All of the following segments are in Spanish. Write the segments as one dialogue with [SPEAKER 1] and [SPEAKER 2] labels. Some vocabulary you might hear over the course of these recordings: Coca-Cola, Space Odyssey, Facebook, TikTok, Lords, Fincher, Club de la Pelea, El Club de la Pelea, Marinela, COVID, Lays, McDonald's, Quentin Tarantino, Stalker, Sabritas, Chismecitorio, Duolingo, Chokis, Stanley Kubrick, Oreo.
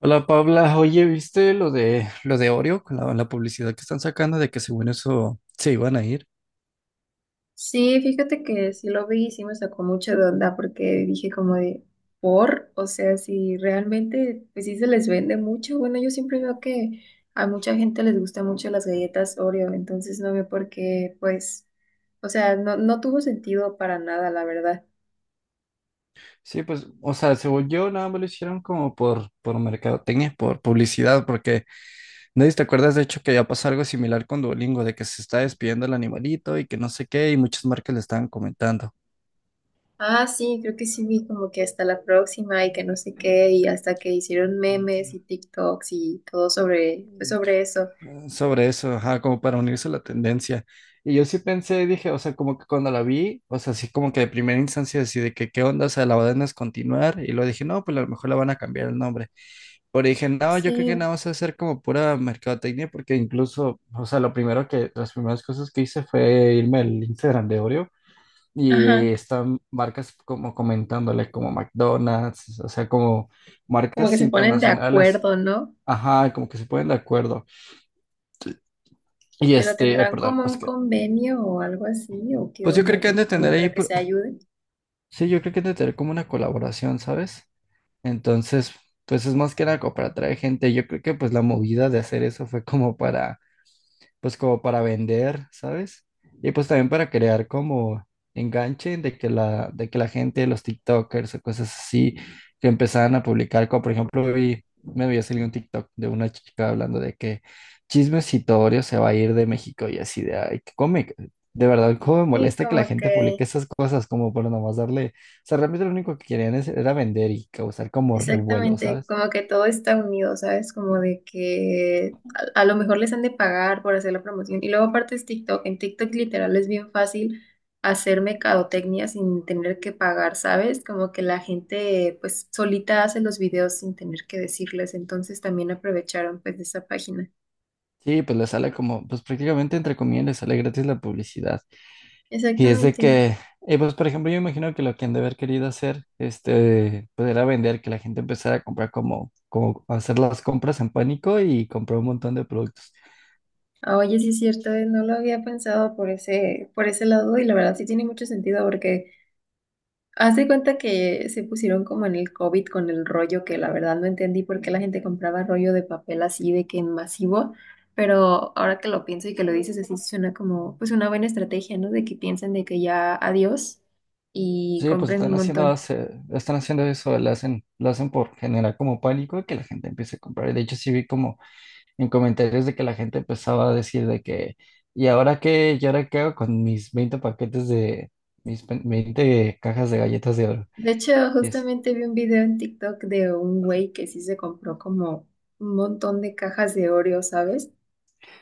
[SPEAKER 1] Hola Paula, oye, ¿viste lo de Oreo, con la publicidad que están sacando de que según eso se iban a ir?
[SPEAKER 2] Sí, fíjate que sí lo vi y sí me sacó mucho de onda porque dije como de, por, o sea, si realmente, pues sí se les vende mucho. Bueno, yo siempre veo que a mucha gente les gustan mucho las galletas Oreo, entonces no veo por qué, pues, o sea, no tuvo sentido para nada, la verdad.
[SPEAKER 1] Sí, pues, o sea, según yo nada más lo hicieron como por mercadotecnia, por publicidad, porque nadie te acuerdas de hecho que ya pasó algo similar con Duolingo, de que se está despidiendo el animalito y que no sé qué, y muchas marcas le estaban comentando.
[SPEAKER 2] Ah, sí, creo que sí vi como que hasta la próxima y que no sé qué, y hasta que hicieron memes y TikToks y todo sobre, pues sobre eso.
[SPEAKER 1] Sobre eso, ajá, como para unirse a la tendencia. Y yo sí pensé, dije, o sea, como que cuando la vi, o sea, así como que de primera instancia, así de que qué onda, o sea, la van a continuar. Y luego dije, no, pues a lo mejor la van a cambiar el nombre. Pero dije, no, yo creo
[SPEAKER 2] Sí,
[SPEAKER 1] que nada más va a ser como pura mercadotecnia, porque incluso, o sea, lo primero que, las primeras cosas que hice fue irme al Instagram de Oreo. Y
[SPEAKER 2] ajá,
[SPEAKER 1] están marcas como comentándole, como McDonald's, o sea, como
[SPEAKER 2] como que
[SPEAKER 1] marcas
[SPEAKER 2] se ponen de
[SPEAKER 1] internacionales,
[SPEAKER 2] acuerdo, ¿no?
[SPEAKER 1] ajá, como que se ponen de acuerdo. Y
[SPEAKER 2] Pero
[SPEAKER 1] este,
[SPEAKER 2] tendrán
[SPEAKER 1] perdón.
[SPEAKER 2] como un convenio o algo así, o qué
[SPEAKER 1] Pues yo creo
[SPEAKER 2] onda,
[SPEAKER 1] que han
[SPEAKER 2] porque
[SPEAKER 1] de
[SPEAKER 2] como
[SPEAKER 1] tener ahí,
[SPEAKER 2] para que se ayuden.
[SPEAKER 1] sí, yo creo que han de tener como una colaboración, ¿sabes? Entonces, pues es más que nada como para atraer gente. Yo creo que pues la movida de hacer eso fue como para pues como para vender, ¿sabes? Y pues también para crear como enganche de que la gente, los TikTokers o cosas así, que empezaban a publicar, como por ejemplo vi, me había salido un TikTok de una chica hablando de que Chismecitorio se va a ir de México y así de, ay, que come. De verdad, cómo me
[SPEAKER 2] Y
[SPEAKER 1] molesta que la
[SPEAKER 2] como
[SPEAKER 1] gente publique
[SPEAKER 2] que,
[SPEAKER 1] esas cosas como para nomás darle, o sea, realmente lo único que era vender y causar como revuelo,
[SPEAKER 2] exactamente,
[SPEAKER 1] ¿sabes?
[SPEAKER 2] como que todo está unido, ¿sabes? Como de que a lo mejor les han de pagar por hacer la promoción. Y luego aparte es TikTok, en TikTok literal es bien fácil hacer mercadotecnia sin tener que pagar, ¿sabes? Como que la gente pues solita hace los videos sin tener que decirles, entonces también aprovecharon pues de esa página.
[SPEAKER 1] Sí, pues le sale como, pues prácticamente entre comillas le sale gratis la publicidad. Y es de
[SPEAKER 2] Exactamente.
[SPEAKER 1] que, pues por ejemplo, yo imagino que lo que han de haber querido hacer, este, pues era vender, que la gente empezara a comprar como hacer las compras en pánico y comprar un montón de productos.
[SPEAKER 2] Ah, oye, sí es cierto, no lo había pensado por ese lado y la verdad sí tiene mucho sentido porque haz de cuenta que se pusieron como en el COVID con el rollo que la verdad no entendí por qué la gente compraba rollo de papel así de que en masivo, pero ahora que lo pienso y que lo dices así suena como pues una buena estrategia, ¿no? De que piensen de que ya adiós y
[SPEAKER 1] Sí, pues
[SPEAKER 2] compren un
[SPEAKER 1] están
[SPEAKER 2] montón.
[SPEAKER 1] están haciendo eso, lo hacen por generar como pánico y que la gente empiece a comprar. Y de hecho sí vi como en comentarios de que la gente empezaba a decir de que, ¿y ahora qué? ¿Y ahora qué hago con mis 20 paquetes de, mis 20 cajas de galletas de oro?
[SPEAKER 2] De hecho,
[SPEAKER 1] Y es,
[SPEAKER 2] justamente vi un video en TikTok de un güey que sí se compró como un montón de cajas de Oreo, ¿sabes?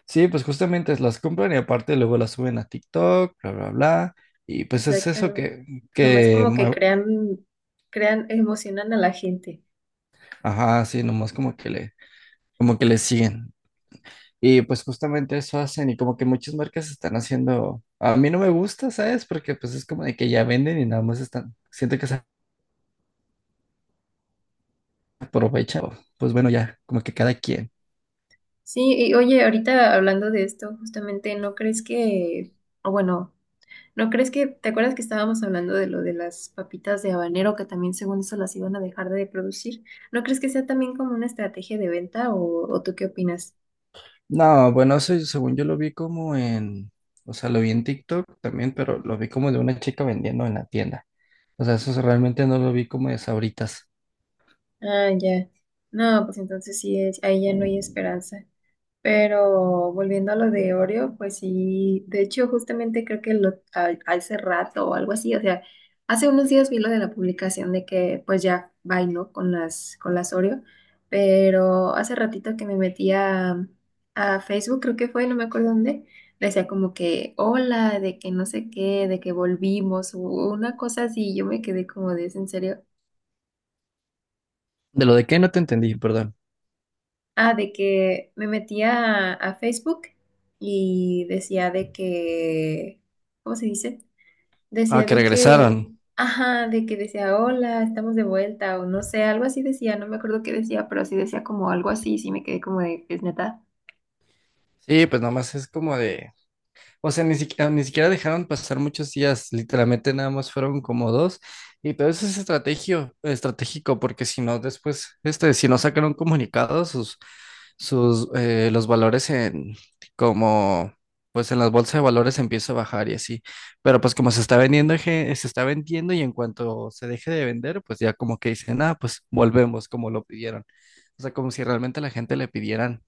[SPEAKER 1] Sí, pues justamente las compran y aparte luego las suben a TikTok, bla, bla, bla. Y pues es eso
[SPEAKER 2] Exactamente.
[SPEAKER 1] que,
[SPEAKER 2] Nomás
[SPEAKER 1] que,
[SPEAKER 2] como que
[SPEAKER 1] mue-
[SPEAKER 2] crean, crean, emocionan a la gente.
[SPEAKER 1] ajá, sí, nomás como que como que le siguen. Y pues justamente eso hacen y como que muchas marcas están haciendo, a mí no me gusta, ¿sabes? Porque pues es como de que ya venden y nada más están, siento que se aprovechan. Pues bueno, ya, como que cada quien.
[SPEAKER 2] Sí, y oye, ahorita hablando de esto, justamente, ¿no crees que, o bueno, ¿no crees que, te acuerdas que estábamos hablando de lo de las papitas de habanero, que también según eso las iban a dejar de producir? ¿No crees que sea también como una estrategia de venta o tú qué opinas?
[SPEAKER 1] No, bueno, eso según yo lo vi como en, o sea, lo vi en TikTok también, pero lo vi como de una chica vendiendo en la tienda. O sea, eso realmente no lo vi como de Sabritas.
[SPEAKER 2] Ah, ya. No, pues entonces sí, es- ahí ya no hay esperanza. Pero volviendo a lo de Oreo, pues sí, de hecho justamente creo que lo, a- hace rato o algo así, o sea, hace unos días vi lo de la publicación de que pues ya bailó con las Oreo, pero hace ratito que me metí a Facebook, creo que fue, no me acuerdo dónde, decía como que hola, de que no sé qué, de que volvimos, o una cosa así, yo me quedé como de, ¿es en serio?
[SPEAKER 1] De lo de qué no te entendí, perdón.
[SPEAKER 2] Ah, de que me metía a Facebook y decía de que, ¿cómo se dice?
[SPEAKER 1] Ah,
[SPEAKER 2] Decía
[SPEAKER 1] que
[SPEAKER 2] de que,
[SPEAKER 1] regresaron.
[SPEAKER 2] ajá, de que decía, hola, estamos de vuelta, o no sé, algo así decía, no me acuerdo qué decía, pero sí decía como algo así, sí me quedé como de, es neta.
[SPEAKER 1] Sí, pues nomás es como de, o sea, ni siquiera dejaron pasar muchos días, literalmente nada más fueron como dos. Y todo eso es estratégico, porque si no, después, este, si no sacan un comunicado, los valores en, como, pues en las bolsas de valores empieza a bajar y así. Pero pues como se está vendiendo, se está vendiendo y en cuanto se deje de vender, pues ya como que dicen, ah, pues volvemos como lo pidieron. O sea, como si realmente la gente le pidieran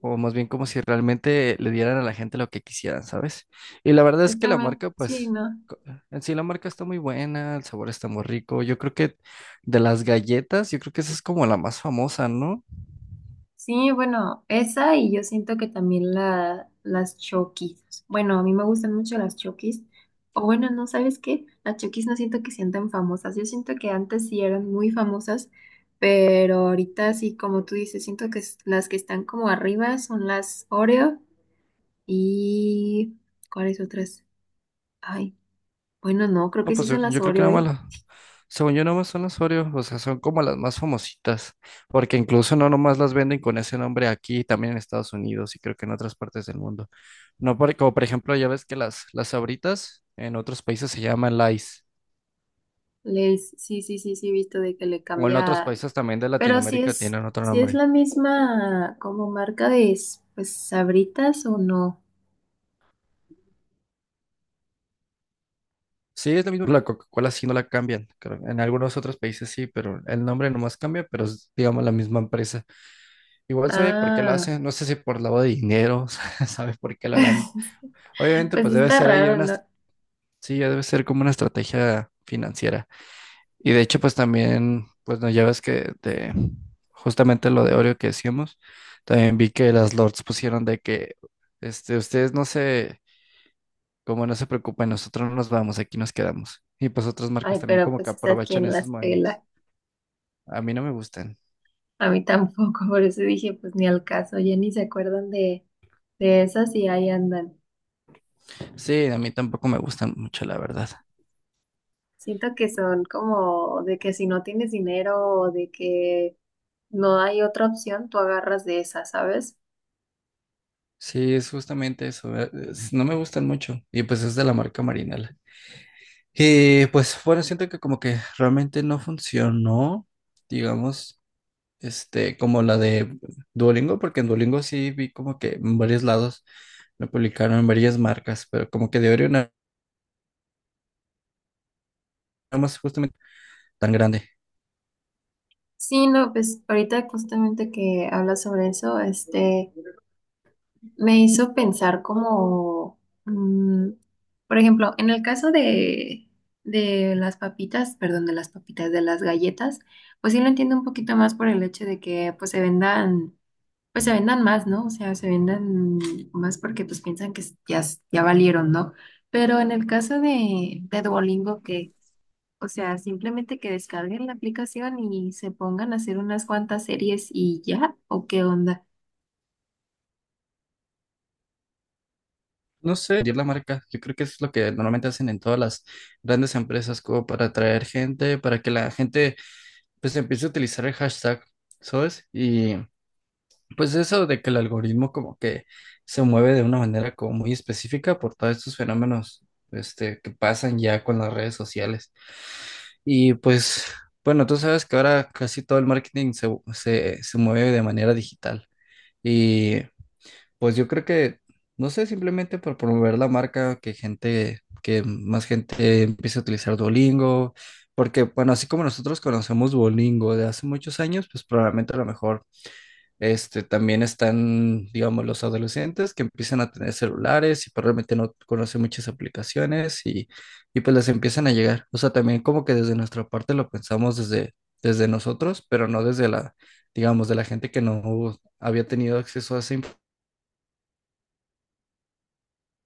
[SPEAKER 1] o más bien como si realmente le dieran a la gente lo que quisieran, ¿sabes? Y la verdad es que la
[SPEAKER 2] Exactamente,
[SPEAKER 1] marca,
[SPEAKER 2] sí,
[SPEAKER 1] pues,
[SPEAKER 2] no.
[SPEAKER 1] co- en sí la marca está muy buena, el sabor está muy rico. Yo creo que de las galletas, yo creo que esa es como la más famosa, ¿no?
[SPEAKER 2] Sí, bueno, esa y yo siento que también la, las Chokis. Bueno, a mí me gustan mucho las Chokis. O bueno, no, ¿sabes qué? Las Chokis no siento que sean tan famosas. Yo siento que antes sí eran muy famosas, pero ahorita sí, como tú dices, siento que es- las que están como arriba son las Oreo y... ¿Cuáles otras? Ay, bueno, no, creo
[SPEAKER 1] No,
[SPEAKER 2] que sí
[SPEAKER 1] pues
[SPEAKER 2] son las
[SPEAKER 1] yo creo que
[SPEAKER 2] Oreo,
[SPEAKER 1] nada más
[SPEAKER 2] ¿eh?
[SPEAKER 1] según yo, nada más son las Oreo, o sea, son como las más famositas, porque incluso no nomás las venden con ese nombre aquí, también en Estados Unidos y creo que en otras partes del mundo. No, por como por ejemplo, ya ves que las Sabritas en otros países se llaman Lays.
[SPEAKER 2] Les... Sí, sí, sí, sí, he visto de que le
[SPEAKER 1] O en otros
[SPEAKER 2] cambia.
[SPEAKER 1] países también de
[SPEAKER 2] Pero si
[SPEAKER 1] Latinoamérica
[SPEAKER 2] es,
[SPEAKER 1] tienen otro
[SPEAKER 2] si es
[SPEAKER 1] nombre.
[SPEAKER 2] la misma como marca de s- pues Sabritas o no.
[SPEAKER 1] Sí, es lo mismo que la Coca-Cola, sí no la cambian, creo. En algunos otros países sí, pero el nombre nomás cambia, pero es, digamos, la misma empresa. Igual sabe por qué lo
[SPEAKER 2] Ah,
[SPEAKER 1] hacen, no sé si por lavado de dinero, sabe por qué lo harán. Obviamente,
[SPEAKER 2] pues
[SPEAKER 1] pues
[SPEAKER 2] sí
[SPEAKER 1] debe
[SPEAKER 2] está
[SPEAKER 1] ser ahí
[SPEAKER 2] raro,
[SPEAKER 1] una,
[SPEAKER 2] ¿no?
[SPEAKER 1] sí, ya debe ser como una estrategia financiera. Y de hecho, pues también, pues no, ya ves que de, justamente lo de Oreo que decíamos, también vi que las Lords pusieron de que, este, ustedes no se, como no se preocupen, nosotros no nos vamos, aquí nos quedamos. Y pues otras marcas
[SPEAKER 2] Ay,
[SPEAKER 1] también
[SPEAKER 2] pero
[SPEAKER 1] como que
[SPEAKER 2] pues es a
[SPEAKER 1] aprovechan
[SPEAKER 2] quién
[SPEAKER 1] esos
[SPEAKER 2] las
[SPEAKER 1] movimientos.
[SPEAKER 2] pela.
[SPEAKER 1] A mí no me gustan.
[SPEAKER 2] A mí tampoco, por eso dije, pues ni al caso, ya ni se acuerdan de esas y ahí andan.
[SPEAKER 1] Sí, a mí tampoco me gustan mucho, la verdad.
[SPEAKER 2] Siento que son como de que si no tienes dinero o de que no hay otra opción, tú agarras de esas, ¿sabes?
[SPEAKER 1] Sí, es justamente eso. No me gustan mucho. Y pues es de la marca Marinela. Y pues bueno, siento que como que realmente no funcionó, digamos, este, como la de Duolingo, porque en Duolingo sí vi como que en varios lados lo publicaron en varias marcas, pero como que de Oreo nada más justamente tan grande.
[SPEAKER 2] Sí, no, pues ahorita justamente que hablas sobre eso, este, me hizo pensar como, mm, por ejemplo, en el caso de las papitas, perdón, de las papitas, de las galletas, pues sí lo entiendo un poquito más por el hecho de que pues se vendan más, ¿no? O sea, se vendan más porque pues piensan que s- ya valieron, ¿no? Pero en el caso de Duolingo, que, o sea, simplemente que descarguen la aplicación y se pongan a hacer unas cuantas series y ya, ¿o qué onda?
[SPEAKER 1] No sé, dirigir la marca. Yo creo que es lo que normalmente hacen en todas las grandes empresas, como para atraer gente, para que la gente pues empiece a utilizar el hashtag, ¿sabes? Y pues eso de que el algoritmo como que se mueve de una manera como muy específica por todos estos fenómenos este, que pasan ya con las redes sociales. Y pues, bueno, tú sabes que ahora casi todo el marketing se mueve de manera digital. Y pues yo creo que, no sé, simplemente por promover la marca, que gente, que más gente empiece a utilizar Duolingo, porque bueno, así como nosotros conocemos Duolingo de hace muchos años, pues probablemente a lo mejor este, también están, digamos, los adolescentes que empiezan a tener celulares y probablemente no conocen muchas aplicaciones y pues les empiezan a llegar. O sea, también como que desde nuestra parte lo pensamos desde, desde nosotros, pero no desde la, digamos, de la gente que no había tenido acceso a esa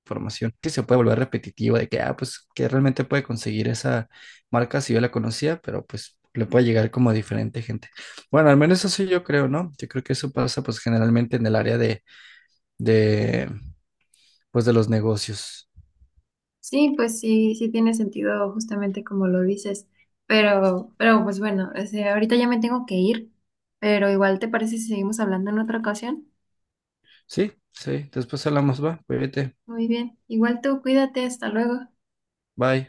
[SPEAKER 1] información que se puede volver repetitiva de que, ah, pues que realmente puede conseguir esa marca si yo la conocía, pero pues le puede llegar como a diferente gente. Bueno, al menos eso sí yo creo, ¿no? Yo creo que eso pasa pues generalmente en el área de pues de los negocios.
[SPEAKER 2] Sí, pues sí, sí tiene sentido justamente como lo dices, pero pues bueno, o sea, ahorita ya me tengo que ir, pero igual te parece si seguimos hablando en otra ocasión.
[SPEAKER 1] Sí, sí, después hablamos, va, cuídate,
[SPEAKER 2] Muy bien, igual tú cuídate, hasta luego.
[SPEAKER 1] bye.